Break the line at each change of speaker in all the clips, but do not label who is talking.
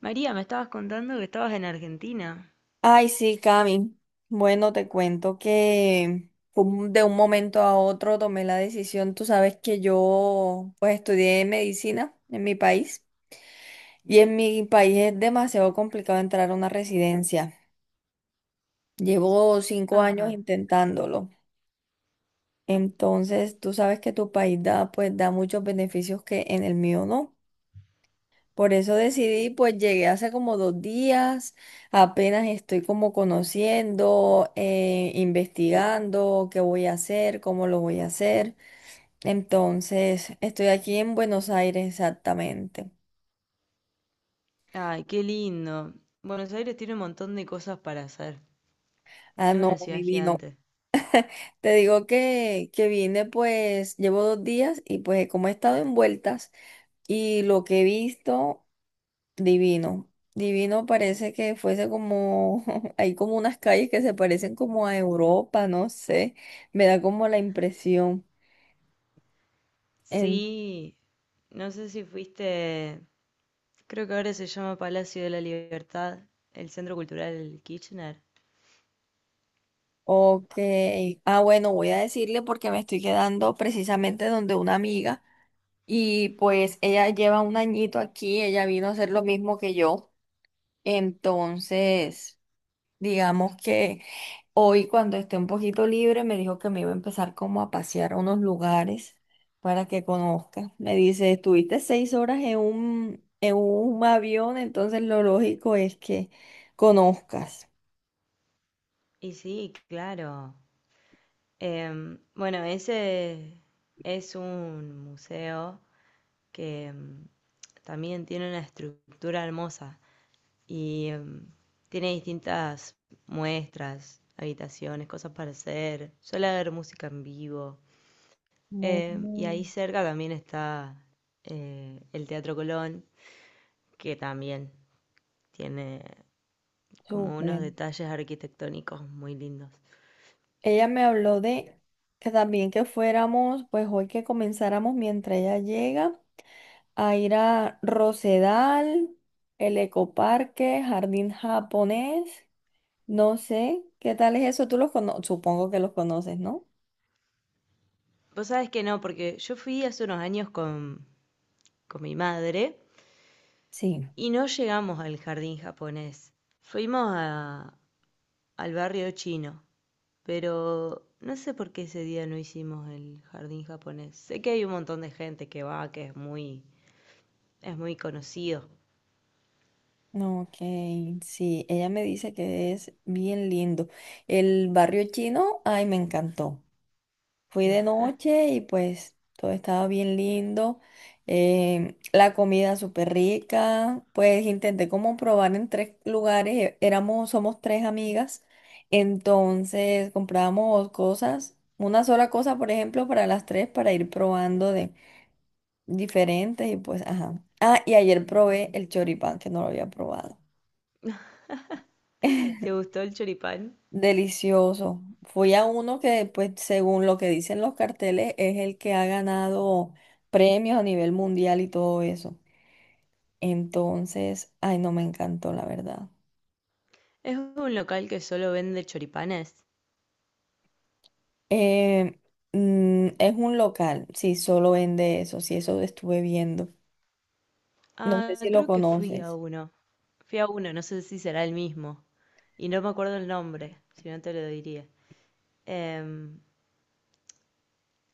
María, me estabas contando que estabas en Argentina.
Ay, sí, Cami. Bueno, te cuento que fue de un momento a otro tomé la decisión. Tú sabes que yo pues estudié medicina en mi país y en mi país es demasiado complicado entrar a una residencia. Llevo 5 años
Ajá.
intentándolo. Entonces, tú sabes que tu país da muchos beneficios que en el mío no. Por eso decidí, pues llegué hace como 2 días. Apenas estoy como conociendo, investigando qué voy a hacer, cómo lo voy a hacer. Entonces, estoy aquí en Buenos Aires exactamente.
Ay, qué lindo. Buenos Aires tiene un montón de cosas para hacer.
Ah,
Es
no,
una ciudad
divino.
gigante.
Te digo que vine, pues llevo 2 días y pues como he estado envueltas y lo que he visto. Divino. Divino parece que fuese como, hay como unas calles que se parecen como a Europa, no sé, me da como la impresión. En...
Sí, no sé si fuiste, creo que ahora se llama Palacio de la Libertad, el Centro Cultural Kirchner.
Ok. Ah, bueno, voy a decirle porque me estoy quedando precisamente donde una amiga y pues ella lleva un añito aquí, ella vino a hacer lo mismo que yo. Entonces. Digamos que hoy cuando esté un poquito libre me dijo que me iba a empezar como a pasear a unos lugares para que conozca. Me dice, estuviste 6 horas en un avión, entonces lo lógico es que conozcas.
Y sí, claro. Bueno, ese es un museo que también tiene una estructura hermosa. Y tiene distintas muestras, habitaciones, cosas para hacer. Suele haber música en vivo. Y ahí
Mm,
cerca también está el Teatro Colón, que también tiene como unos
súper.
detalles arquitectónicos muy lindos.
Ella me habló de que también que fuéramos, pues hoy que comenzáramos mientras ella llega, a ir a Rosedal, el Ecoparque, Jardín Japonés. No sé, ¿qué tal es eso? Tú los conoces, supongo que los conoces, ¿no?
Vos sabés que no, porque yo fui hace unos años con mi madre
Sí.
y no llegamos al jardín japonés. Fuimos a- Al barrio chino. Pero no sé por qué ese día no hicimos el jardín japonés. Sé que hay un montón de gente que va, es muy conocido.
Ok, sí, ella me dice que es bien lindo. El barrio chino, ay, me encantó. Fui de noche y pues todo estaba bien lindo. La comida súper rica. Pues intenté como probar en tres lugares. Éramos, somos tres amigas. Entonces comprábamos cosas, una sola cosa, por ejemplo, para las tres, para ir probando de diferentes y pues, ajá. Ah, y ayer probé el choripán, que no lo había probado.
¿Te gustó el choripán?
Delicioso. Fui a uno que, pues, según lo que dicen los carteles, es el que ha ganado premios a nivel mundial y todo eso. Entonces, ay, no me encantó, la verdad.
Es un local que solo vende choripanes.
Eh, es un local, sí, solo vende eso, sí, eso estuve viendo. No sé
Ah,
si lo
creo que fui a
conoces.
uno. Fui a uno, no sé si será el mismo. Y no me acuerdo el nombre, si no te lo diría. Em,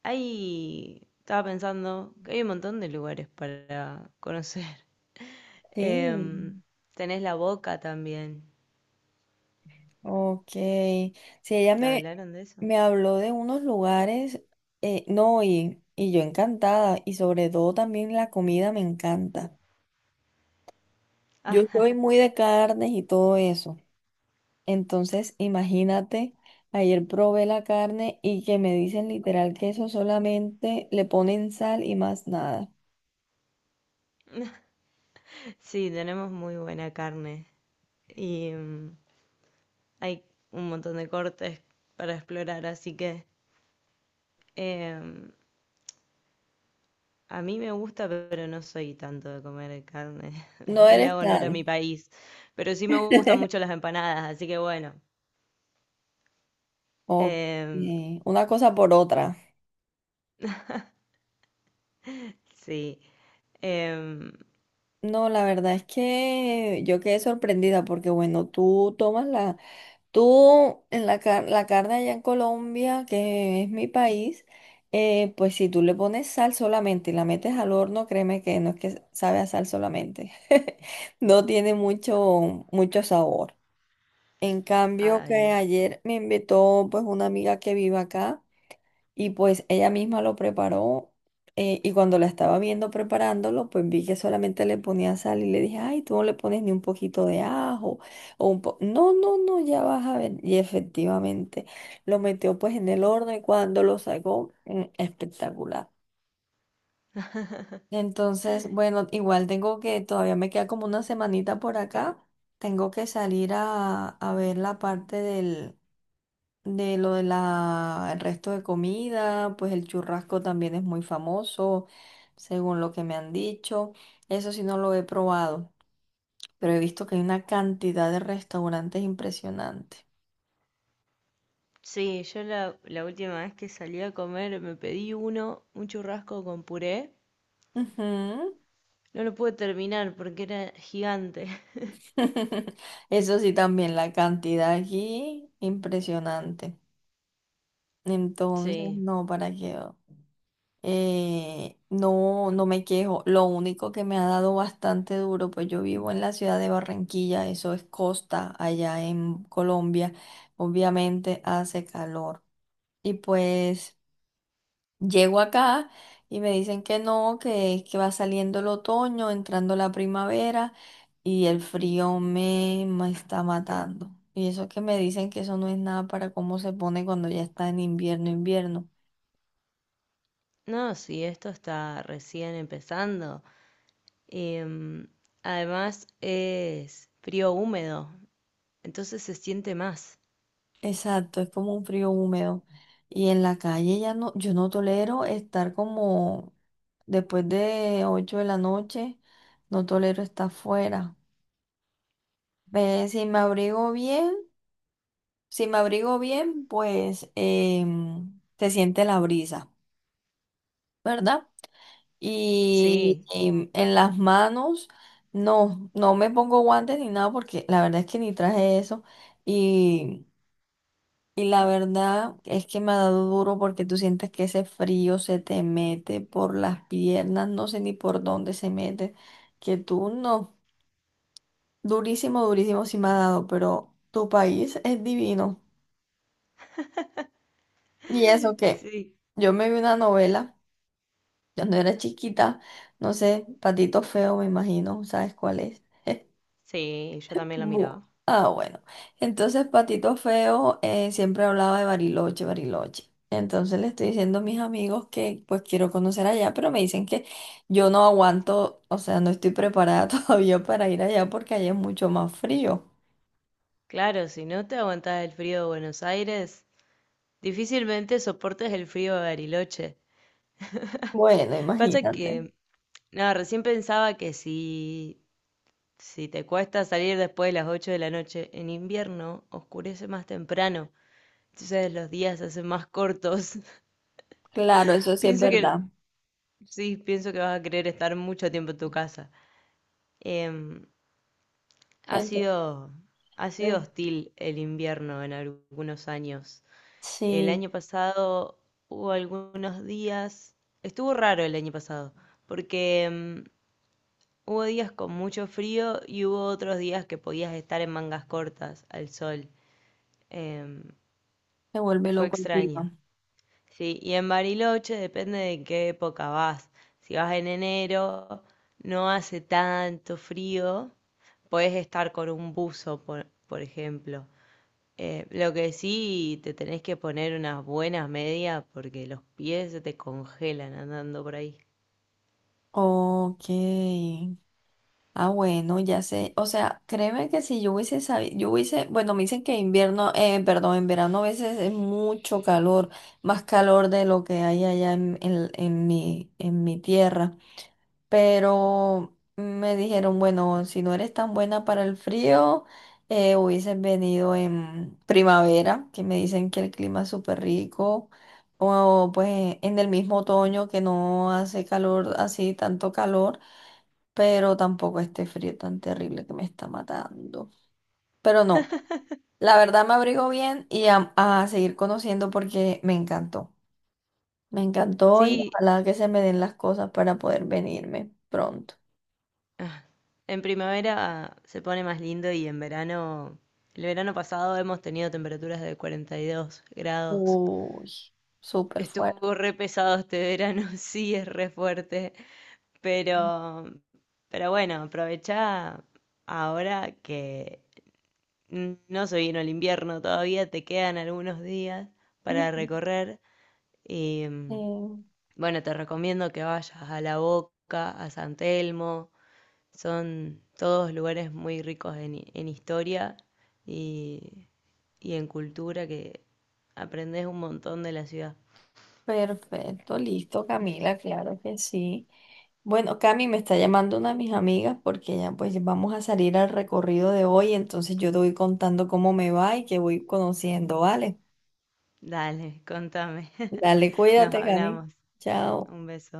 Estaba pensando que hay un montón de lugares para conocer. Em,
Sí,
Tenés la Boca también.
ok. Sí, ella
¿Te
me,
hablaron de eso?
me habló de unos lugares, no, y yo encantada, y sobre todo también la comida me encanta. Yo
Ah,
soy muy de carnes y todo eso. Entonces, imagínate, ayer probé la carne y que me dicen literal que eso solamente le ponen sal y más nada.
sí, tenemos muy buena carne y hay un montón de cortes para explorar, así que em, a mí me gusta, pero no soy tanto de comer carne.
No
No le
eres
hago honor a mi
tan.
país, pero sí me gustan mucho las empanadas, así que bueno,
Ok,
em,
una cosa por otra.
sí. em,
No, la verdad es que yo quedé sorprendida porque, bueno, tú tomas la Tú, en la, car- la carne allá en Colombia, que es mi país, pues si tú le pones sal solamente y la metes al horno, créeme que no es que sabe a sal solamente. No tiene mucho, mucho sabor. En cambio, que
ay.
ayer me invitó pues una amiga que vive acá. Y pues ella misma lo preparó, y cuando la estaba viendo preparándolo, pues vi que solamente le ponía sal y le dije, ay, tú no le pones ni un poquito de ajo o un po no, no, no, ya vas a ver. Y efectivamente lo metió pues en el horno y cuando lo sacó, espectacular. Entonces, bueno, igual tengo que, todavía me queda como una semanita por acá, tengo que salir a ver la parte del de lo de la, el resto de comida, pues el churrasco también es muy famoso, según lo que me han dicho. Eso sí no lo he probado, pero he visto que hay una cantidad de restaurantes impresionante.
Sí, la última vez que salí a comer me pedí un churrasco con puré.
Ujú.
No lo pude terminar porque era gigante.
Eso sí también, la cantidad aquí impresionante. Entonces,
Sí.
no, ¿para qué? No, no me quejo. Lo único que me ha dado bastante duro, pues yo vivo en la ciudad de Barranquilla, eso es costa allá en Colombia. Obviamente hace calor. Y pues llego acá y me dicen que no, que va saliendo el otoño, entrando la primavera y el frío me está matando. Y eso que me dicen que eso no es nada para cómo se pone cuando ya está en invierno, invierno.
No, sí, esto está recién empezando. Em, Además es frío húmedo, entonces se siente más.
Exacto, es como un frío húmedo. Y en la calle ya no, yo no tolero estar como después de 8 de la noche, no tolero estar afuera. Ve, si me abrigo bien, si me abrigo bien, pues se siente la brisa, ¿verdad? Y
Sí,
en las manos, no, no me pongo guantes ni nada porque la verdad es que ni traje eso. Y la verdad es que me ha dado duro porque tú sientes que ese frío se te mete por las piernas, no sé ni por dónde se mete, que tú no, durísimo, durísimo sí me ha dado, pero tu país es divino. Y eso que
sí,
yo me vi una novela cuando era chiquita, no sé, Patito Feo me imagino, ¿sabes cuál es?
sí, yo también lo miraba.
Ah, bueno. Entonces, Patito Feo, siempre hablaba de Bariloche, Bariloche. Entonces le estoy diciendo a mis amigos que pues quiero conocer allá, pero me dicen que yo no aguanto, o sea, no estoy preparada todavía para ir allá porque allá es mucho más frío.
Claro, si no te aguantas el frío de Buenos Aires, difícilmente soportes el frío de Bariloche.
Bueno,
Pasa
imagínate.
que, no, recién pensaba que si te cuesta salir después de las 8 de la noche en invierno, oscurece más temprano, entonces los días se hacen más cortos.
Claro, eso sí es
Pienso
verdad.
que Sí, pienso que vas a querer estar mucho tiempo en tu casa. Em, ha
Entonces,
sido, Ha sido hostil el invierno en algunos años. El
sí,
año pasado hubo algunos días, estuvo raro el año pasado, porque hubo días con mucho frío y hubo otros días que podías estar en mangas cortas al sol. Em,
se vuelve
Fue
loco el
extraño.
clima.
Sí, y en Bariloche depende de en qué época vas. Si vas en enero, no hace tanto frío, puedes estar con un buzo, por ejemplo. Lo que sí, te tenés que poner unas buenas medias porque los pies se te congelan andando por ahí.
Ok. Ah, bueno, ya sé. O sea, créeme que si yo hubiese sabido, yo hubiese, bueno, me dicen que invierno, perdón, en verano a veces es mucho calor, más calor de lo que hay allá en mi tierra. Pero me dijeron, bueno, si no eres tan buena para el frío, hubieses venido en primavera, que me dicen que el clima es súper rico. O pues en el mismo otoño que no hace calor así, tanto calor pero tampoco este frío tan terrible que me está matando. Pero no, la verdad me abrigo bien y a seguir conociendo porque me encantó. Me encantó y
Sí,
ojalá que se me den las cosas para poder venirme pronto.
ah, en primavera se pone más lindo y en verano, el verano pasado hemos tenido temperaturas de 42 grados.
Uy, súper fuerte.
Estuvo re pesado este verano, sí, es re fuerte, pero, pero bueno, aprovechá ahora que no se vino el invierno todavía, te quedan algunos días para
Ujú.
recorrer y
Eh,
bueno, te recomiendo que vayas a La Boca, a San Telmo, son todos lugares muy ricos en historia y, y en cultura que aprendes un montón de la ciudad.
Perfecto, listo, Camila, claro que sí. Bueno, Cami me está llamando una de mis amigas porque ya pues vamos a salir al recorrido de hoy, entonces yo te voy contando cómo me va y que voy conociendo, ¿vale?
Dale, contame.
Dale,
Nos
cuídate, Cami.
hablamos.
Chao.
Un beso.